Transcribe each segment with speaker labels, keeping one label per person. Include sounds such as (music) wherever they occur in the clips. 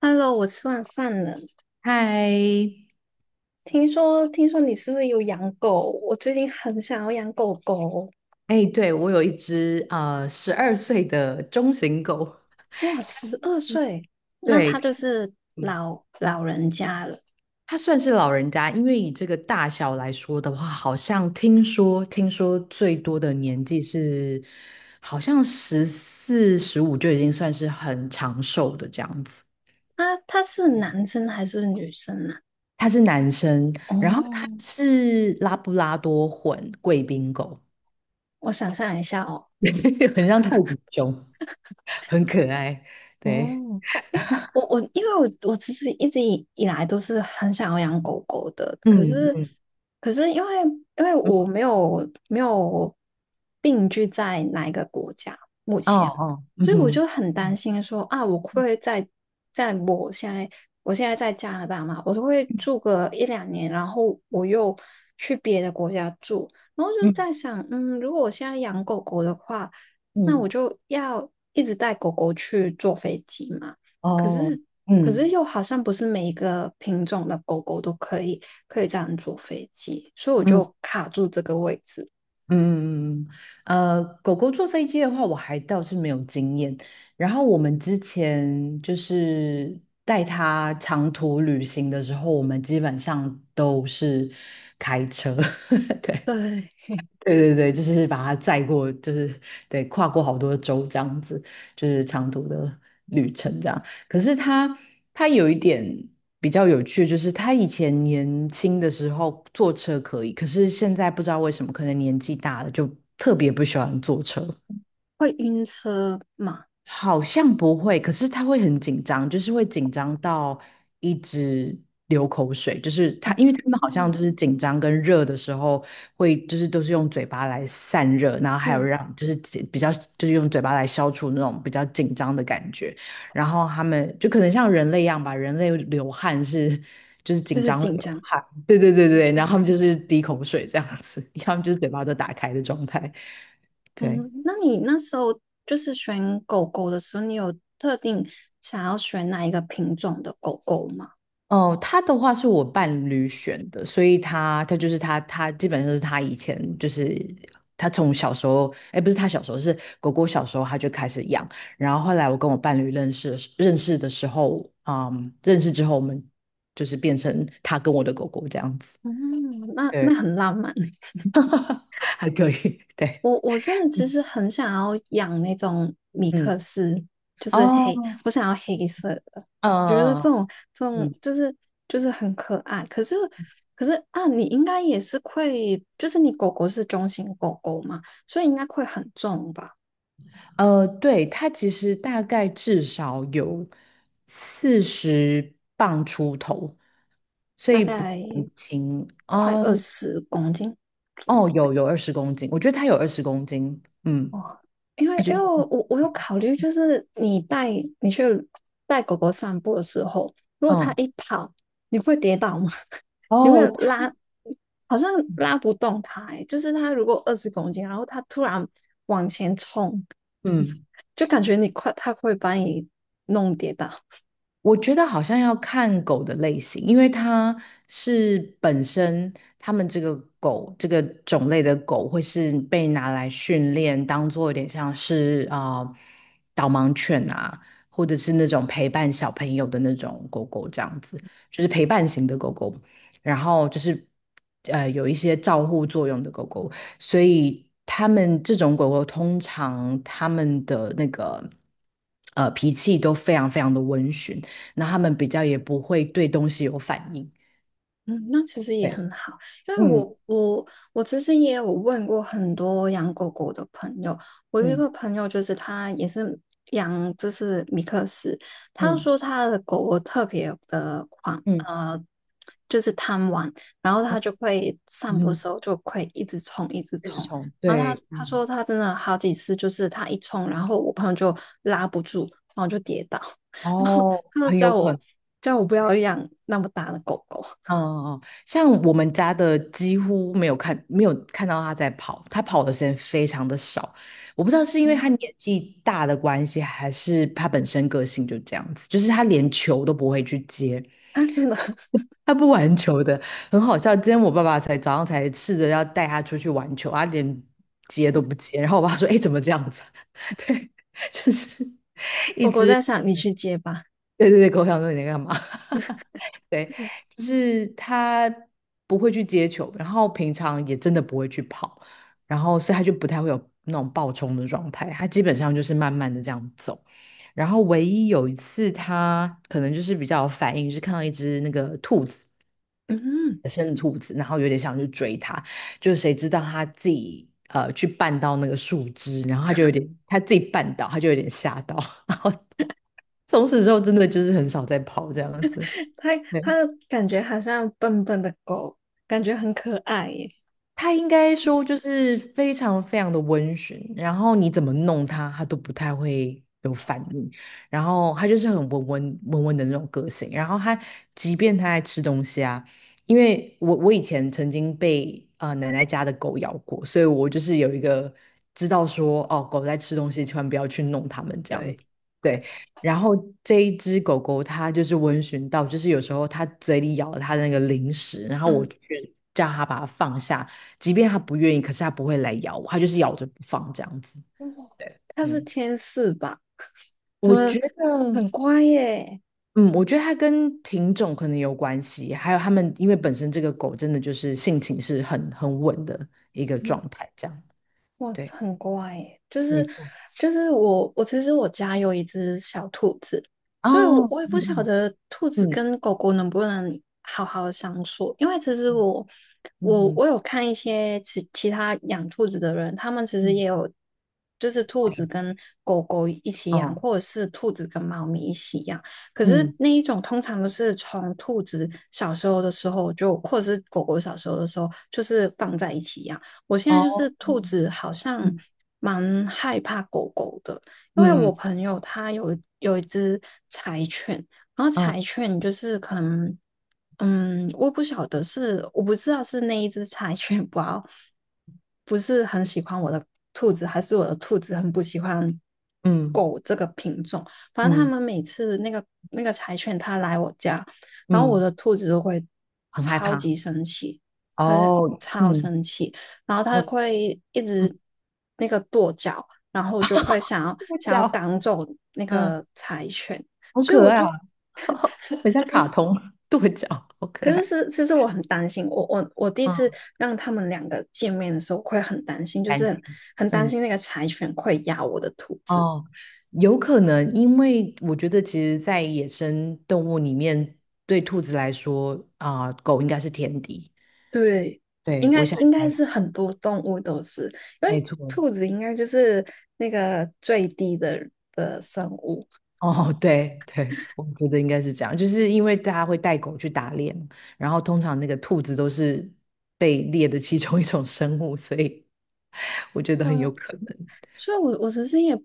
Speaker 1: Hello，我吃完饭了。
Speaker 2: 嗨，
Speaker 1: 听说，你是不是有养狗？我最近很想要养狗狗。
Speaker 2: 哎，对，我有一只12岁的中型狗。
Speaker 1: 哇，12岁，那他
Speaker 2: 对，
Speaker 1: 就是
Speaker 2: 嗯，
Speaker 1: 老人家了。
Speaker 2: 它算是老人家。因为以这个大小来说的话，好像听说最多的年纪是好像14、15就已经算是很长寿的这样子。
Speaker 1: 他是男生还是女生啊？
Speaker 2: 它是男生，然后
Speaker 1: 哦，
Speaker 2: 它是拉布拉多混贵宾狗。
Speaker 1: 我想象一下哦。
Speaker 2: (laughs) 很像泰迪熊，很可爱，对，
Speaker 1: 哦，因为因为我其实一直以来都是很想要养狗狗的，可是
Speaker 2: 嗯。
Speaker 1: 可是因为我没有定居在哪一个国家目
Speaker 2: 哦
Speaker 1: 前，
Speaker 2: 哦，嗯
Speaker 1: 所以我
Speaker 2: 哼，
Speaker 1: 就很担
Speaker 2: 嗯
Speaker 1: 心说啊，我会不会在我现在在加拿大嘛，我就会住个一两年，然后我又去别的国家住，然后就
Speaker 2: 嗯
Speaker 1: 在想，如果我现在养狗狗的话。那我
Speaker 2: 嗯，
Speaker 1: 就要一直带狗狗去坐飞机嘛。可
Speaker 2: 哦，
Speaker 1: 是，可是
Speaker 2: 嗯
Speaker 1: 又好像不是每一个品种的狗狗都可以这样坐飞机，所以我
Speaker 2: 嗯嗯
Speaker 1: 就卡住这个位置。
Speaker 2: 嗯嗯。狗狗坐飞机的话，我还倒是没有经验。然后我们之前就是带它长途旅行的时候，我们基本上都是开车。(laughs) 对。
Speaker 1: 对，
Speaker 2: 对对对，就是把它载过，就是对跨过好多州这样子，就是长途的旅程这样。可是他有一点比较有趣，就是他以前年轻的时候坐车可以，可是现在不知道为什么，可能年纪大了就特别不喜欢坐车。
Speaker 1: 会晕车嘛？
Speaker 2: 好像不会，可是他会很紧张，就是会紧张到一直流口水。就是
Speaker 1: 哦，
Speaker 2: 他，因为他们好像
Speaker 1: 嗯
Speaker 2: 就是紧张跟热的时候会，就是都是用嘴巴来散热，然后还有
Speaker 1: 嗯，
Speaker 2: 让就是紧比较就是用嘴巴来消除那种比较紧张的感觉。然后他们就可能像人类一样吧，人类流汗是就是
Speaker 1: 就
Speaker 2: 紧
Speaker 1: 是
Speaker 2: 张会
Speaker 1: 紧
Speaker 2: 流
Speaker 1: 张。
Speaker 2: 汗。对对对
Speaker 1: 对
Speaker 2: 对，
Speaker 1: 对，
Speaker 2: 然后他们就是滴口水这样子。(laughs) 他们就是嘴巴都打开的状态，对。
Speaker 1: 嗯，那你那时候就是选狗狗的时候，你有特定想要选哪一个品种的狗狗吗？
Speaker 2: 哦，他的话是我伴侣选的。所以他就是他基本上是他以前就是他从小时候，哎，不是他小时候，是狗狗小时候他就开始养。然后后来我跟我伴侣认识的时候，嗯，认识之后我们就是变成他跟我的狗狗这样子。
Speaker 1: 嗯，那
Speaker 2: 对，
Speaker 1: 那很浪漫。
Speaker 2: (laughs) 还可以，对，
Speaker 1: 我真的其实很想要养那种米克
Speaker 2: 嗯，
Speaker 1: 斯，就是黑，
Speaker 2: 哦，
Speaker 1: 我想要黑色的，觉得
Speaker 2: 嗯嗯，
Speaker 1: 这种这
Speaker 2: 嗯
Speaker 1: 种
Speaker 2: 嗯
Speaker 1: 就是很可爱。可是啊，你应该也是会，就是你狗狗是中型狗狗嘛，所以应该会很重吧，
Speaker 2: 对。它其实大概至少有40磅出头。所
Speaker 1: 大
Speaker 2: 以不
Speaker 1: 概
Speaker 2: 轻
Speaker 1: 快
Speaker 2: 哦。
Speaker 1: 二十公斤左右。
Speaker 2: 哦，有有二十公斤，我觉得它有二十公斤，嗯，
Speaker 1: 哦，因
Speaker 2: 也
Speaker 1: 为
Speaker 2: 就
Speaker 1: 因
Speaker 2: 是
Speaker 1: 为我有考虑，就是你去带狗狗散步的时候，如果它
Speaker 2: 嗯
Speaker 1: 一跑，你会跌倒吗？(laughs) 你会
Speaker 2: 哦，它
Speaker 1: 拉，好像拉不动它、欸，就是它如果二十公斤，然后它突然往前冲，
Speaker 2: 嗯。
Speaker 1: 就感觉你快，它会把你弄跌倒。
Speaker 2: 我觉得好像要看狗的类型，因为它是本身它们这个狗这个种类的狗会是被拿来训练，当做有点像是啊、导盲犬啊，或者是那种陪伴小朋友的那种狗狗这样子，就是陪伴型的狗狗。然后就是有一些照护作用的狗狗，所以他们这种狗狗通常它们的那个脾气都非常非常的温驯。那他们比较也不会对东西有反应。
Speaker 1: 嗯，那其实也
Speaker 2: 对，
Speaker 1: 很好，因为
Speaker 2: 嗯
Speaker 1: 我其实也有问过很多养狗狗的朋友，我有一
Speaker 2: 嗯
Speaker 1: 个朋友就是他也是养就是米克斯，他
Speaker 2: 嗯
Speaker 1: 说他的狗狗特别的狂，
Speaker 2: 嗯
Speaker 1: 就是贪玩，然后他就会散步的
Speaker 2: 嗯，
Speaker 1: 时候就会一直冲一直
Speaker 2: 一直
Speaker 1: 冲，
Speaker 2: 冲，
Speaker 1: 然后他
Speaker 2: 对，
Speaker 1: 他说
Speaker 2: 嗯，
Speaker 1: 他真的好几次就是他一冲，然后我朋友就拉不住，然后就跌倒，(laughs) 然后
Speaker 2: 哦，
Speaker 1: 他就
Speaker 2: 很有
Speaker 1: 叫
Speaker 2: 可
Speaker 1: 我
Speaker 2: 能。
Speaker 1: 叫我不要养那么大的狗狗。
Speaker 2: 嗯嗯，嗯像我们家的几乎没有看，没有看到他在跑，他跑的时间非常的少。我不知道是因为他年纪大的关系，还是他本身个性就这样子，就是他连球都不会去接。
Speaker 1: 啊，真的，(laughs)
Speaker 2: 他不玩球的，很好笑。今天我爸爸才早上才试着要带他出去玩球，他连接都不接。然后我爸说：“哎，怎么这样子？” (laughs) 对，就是一
Speaker 1: 狗狗
Speaker 2: 只。
Speaker 1: 在想你去接吧。
Speaker 2: 对对对，狗想说你在干嘛？(laughs) 对，就是他不会去接球，然后平常也真的不会去跑，然后所以他就不太会有那种暴冲的状态，他基本上就是慢慢的这样走。然后唯一有一次，他可能就是比较有反应，就是看到一只那个兔子。
Speaker 1: 嗯，
Speaker 2: 生兔子，然后有点想去追它，就谁知道它自己去绊到那个树枝，然后它就有点它自己绊倒，它就有点吓到。(laughs) 从此之后，真的就是很少再跑这样子。
Speaker 1: 它
Speaker 2: 对。
Speaker 1: 它感觉好像笨笨的狗，感觉很可爱耶。
Speaker 2: 他应该说就是非常非常的温驯，然后你怎么弄他，他都不太会有反应。然后他就是很温温温温的那种个性。然后他即便他在吃东西啊，因为我以前曾经被奶奶家的狗咬过，所以我就是有一个知道说哦狗在吃东西，千万不要去弄它们这样
Speaker 1: 对
Speaker 2: 子。
Speaker 1: 对，
Speaker 2: 对，然后这一只狗狗它就是温驯到，就是有时候它嘴里咬了它的那个零食，然后我
Speaker 1: 嗯，
Speaker 2: 去叫它把它放下，即便他不愿意，可是他不会来咬我，他就是咬着不放这样子。
Speaker 1: 哇，
Speaker 2: 对，
Speaker 1: 它是
Speaker 2: 嗯，
Speaker 1: 天使吧？(laughs) 怎
Speaker 2: 我
Speaker 1: 么
Speaker 2: 觉得，
Speaker 1: 很乖耶？
Speaker 2: 嗯，我觉得它跟品种可能有关系。还有他们因为本身这个狗真的就是性情是很稳的一个
Speaker 1: 嗯，
Speaker 2: 状态，这样。
Speaker 1: 哇，
Speaker 2: 对，
Speaker 1: 很乖耶，就是
Speaker 2: 没错。
Speaker 1: 就是我其实我家有一只小兔子，所以我
Speaker 2: 哦，
Speaker 1: 我也不晓
Speaker 2: 嗯
Speaker 1: 得兔子
Speaker 2: 嗯
Speaker 1: 跟狗狗能不能好好的相处，因为其实我
Speaker 2: 嗯
Speaker 1: 我
Speaker 2: 嗯
Speaker 1: 我有看一些其他养兔子的人，他们其实
Speaker 2: 嗯
Speaker 1: 也有就是兔子跟狗狗一起
Speaker 2: 嗯，
Speaker 1: 养，
Speaker 2: 哦，
Speaker 1: 或者是兔子跟猫咪一起养，可是
Speaker 2: 嗯
Speaker 1: 那一种通常都是从兔子小时候的时候就，或者是狗狗小时候的时候，就是放在一起养。我现在就是
Speaker 2: 哦，
Speaker 1: 兔子，好像
Speaker 2: 嗯
Speaker 1: 蛮害怕狗狗的，因为
Speaker 2: 嗯
Speaker 1: 我
Speaker 2: 嗯
Speaker 1: 朋友他有一只柴犬，然后
Speaker 2: 哦
Speaker 1: 柴犬就是可能，我不知道是那一只柴犬 (laughs) 不好，不是很喜欢我的兔子，还是我的兔子很不喜欢
Speaker 2: 嗯
Speaker 1: 反正他
Speaker 2: 嗯
Speaker 1: 们每次那个柴犬它来我家，然后我
Speaker 2: 嗯，
Speaker 1: 的兔子都会
Speaker 2: 很害
Speaker 1: 超
Speaker 2: 怕。
Speaker 1: 级生气，它是
Speaker 2: 哦，
Speaker 1: 超
Speaker 2: 嗯
Speaker 1: 生气，然后它
Speaker 2: 嗯
Speaker 1: 会一
Speaker 2: 嗯，
Speaker 1: 直那个跺脚，然后就会想要
Speaker 2: 这个
Speaker 1: 想要
Speaker 2: 叫，
Speaker 1: 赶走那
Speaker 2: 嗯，
Speaker 1: 个柴犬，
Speaker 2: 好
Speaker 1: 所以
Speaker 2: 可
Speaker 1: 我
Speaker 2: 爱
Speaker 1: 就。
Speaker 2: 啊。很像卡通跺 (laughs) 脚，好可
Speaker 1: 可是
Speaker 2: 爱。
Speaker 1: 是，其实我很担心，我第一次
Speaker 2: 嗯，
Speaker 1: 让他们两个见面的时候，我会很担心，就
Speaker 2: 感
Speaker 1: 是
Speaker 2: 情，
Speaker 1: 很担
Speaker 2: 嗯，
Speaker 1: 心那个柴犬会咬我的兔子。
Speaker 2: 哦，有可能。因为我觉得其实，在野生动物里面，对兔子来说啊、狗应该是天敌。
Speaker 1: 对，应
Speaker 2: 对，
Speaker 1: 该
Speaker 2: 我想应
Speaker 1: 应该
Speaker 2: 该
Speaker 1: 是
Speaker 2: 是，
Speaker 1: 很多动物都是，因
Speaker 2: 没
Speaker 1: 为
Speaker 2: 错。
Speaker 1: 兔子应该就是那个最低的生物。
Speaker 2: 哦，对对，我觉得应该是这样，就是因为大家会带狗去打猎嘛。然后通常那个兔子都是被猎的其中一种生物，所以 (laughs) 我觉得很
Speaker 1: 嗯，
Speaker 2: 有可能。
Speaker 1: 所以我其实也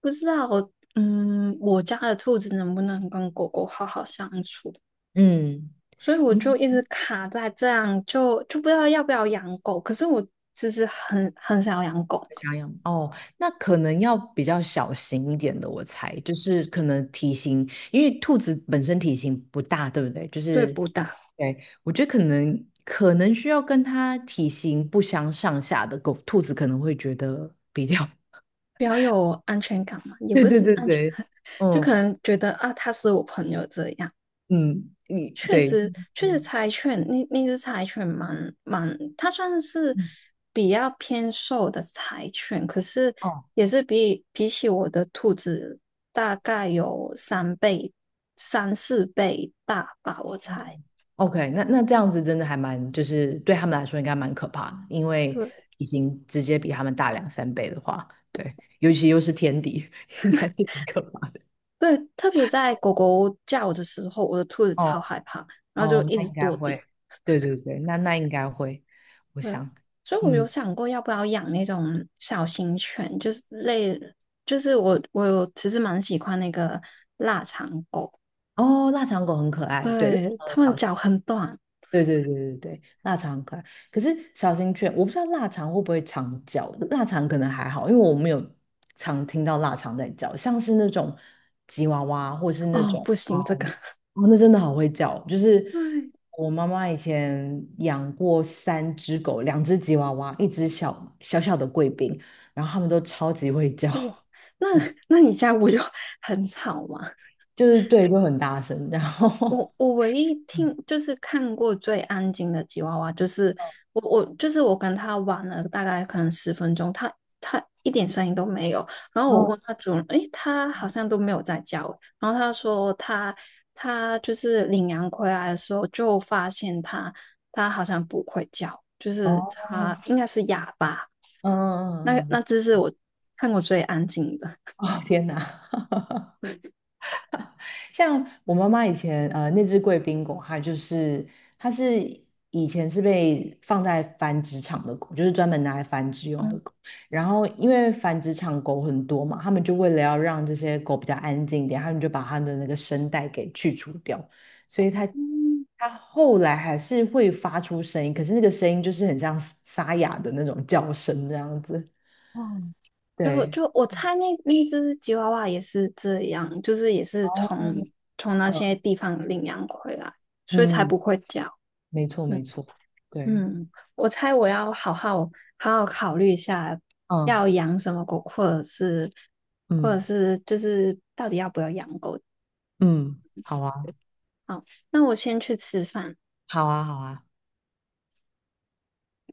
Speaker 1: 不知道，我家的兔子能不能跟狗狗好好相处，
Speaker 2: 嗯。
Speaker 1: 所以我就一直卡在这样，就不知道要不要养狗。可是我其实很想要养狗，
Speaker 2: 小样哦，那可能要比较小型一点的，我猜，就是可能体型，因为兔子本身体型不大，对不对？就
Speaker 1: 对
Speaker 2: 是，
Speaker 1: 不大，
Speaker 2: 对，我觉得可能需要跟它体型不相上下的狗，兔子可能会觉得比较。
Speaker 1: 比较有安全感嘛，
Speaker 2: (laughs)
Speaker 1: 也
Speaker 2: 对
Speaker 1: 不是
Speaker 2: 对
Speaker 1: 说
Speaker 2: 对
Speaker 1: 安全
Speaker 2: 对，
Speaker 1: 感，(laughs) 就
Speaker 2: 嗯
Speaker 1: 可能觉得啊，它是我朋友这样。
Speaker 2: 嗯，你
Speaker 1: 确
Speaker 2: 对，
Speaker 1: 实，确实
Speaker 2: 嗯
Speaker 1: 柴犬那只柴犬蛮，它算是
Speaker 2: 嗯，
Speaker 1: 比较偏瘦的柴犬，可是
Speaker 2: 哦
Speaker 1: 也是比起我的兔子大概有三倍、三四倍大吧，我猜。
Speaker 2: OK，那这样子真的还蛮，就是对他们来说应该蛮可怕的。因为
Speaker 1: 对
Speaker 2: 已经直接比他们大两三倍的话，对，尤其又是天敌，(laughs) 应该是很可怕。
Speaker 1: 对，特别在狗狗叫的时候，我的兔子超
Speaker 2: 哦
Speaker 1: 害怕，然后就
Speaker 2: 哦，
Speaker 1: 一
Speaker 2: 那
Speaker 1: 直
Speaker 2: 应该
Speaker 1: 跺地。
Speaker 2: 会。对对对，那应该会，我
Speaker 1: 对，
Speaker 2: 想。
Speaker 1: 所以我有
Speaker 2: 嗯，
Speaker 1: 想过要不要养那种小型犬，就是类，就是我有其实蛮喜欢那个，
Speaker 2: 哦，腊肠狗很可爱，对，
Speaker 1: 对，
Speaker 2: 腊
Speaker 1: 他们
Speaker 2: 肠狗
Speaker 1: 脚很短
Speaker 2: 对对对对对，腊肠很可爱。可是小型犬，我不知道腊肠会不会常叫。腊肠可能还好，因为我没有常听到腊肠在叫。像是那种吉娃娃或是那
Speaker 1: 哦，
Speaker 2: 种，
Speaker 1: 不
Speaker 2: 哦，
Speaker 1: 行，这个
Speaker 2: 哦，那真的好会叫。就
Speaker 1: (laughs)
Speaker 2: 是
Speaker 1: 对，
Speaker 2: 我妈妈以前养过三只狗，两只吉娃娃，一只小小小的贵宾。然后它们都超级会叫。
Speaker 1: 哇，那
Speaker 2: (laughs)
Speaker 1: 那你家我就 (laughs) 很吵吗？
Speaker 2: 就是对，就很大声，然后，
Speaker 1: 我唯一听就是看过最安静的吉娃娃，就是我就是我跟他玩了大概可能10分钟，他一点声音都没有。然
Speaker 2: (laughs)
Speaker 1: 后我
Speaker 2: 哦
Speaker 1: 问他主人，诶，他好像都没有在叫。然后他说他就是领羊回来的时候就发现他好像不会叫，就是
Speaker 2: 哦，
Speaker 1: 他应该是哑巴。
Speaker 2: 嗯嗯
Speaker 1: 那
Speaker 2: 嗯，嗯
Speaker 1: 那只是我看过最安静的。
Speaker 2: (laughs) 哦天哪！像我妈妈以前那只贵宾狗，它就是它是以前是被放在繁殖场的狗，就是专门拿来繁殖用的
Speaker 1: 嗯
Speaker 2: 狗。然后因为繁殖场狗很多嘛，他们就为了要让这些狗比较安静一点，他们就把它的那个声带给去除掉。所以它
Speaker 1: 嗯，
Speaker 2: 它后来还是会发出声音，可是那个声音就是很像沙哑的那种叫声这样子。
Speaker 1: 哇，就
Speaker 2: 对，
Speaker 1: 就我猜那只吉娃娃也是这样，就是也是
Speaker 2: 哦，
Speaker 1: 从那些地方领养回来，所以才
Speaker 2: 嗯，
Speaker 1: 不会叫。
Speaker 2: 没错没
Speaker 1: 嗯
Speaker 2: 错，对，
Speaker 1: 嗯，我猜我要好好考虑一下，
Speaker 2: 嗯
Speaker 1: 要养什么狗，或者是或者
Speaker 2: 嗯。
Speaker 1: 是就是到底要不要养狗。
Speaker 2: 嗯，好啊，
Speaker 1: 好，那我先去吃饭。
Speaker 2: 好啊，好啊，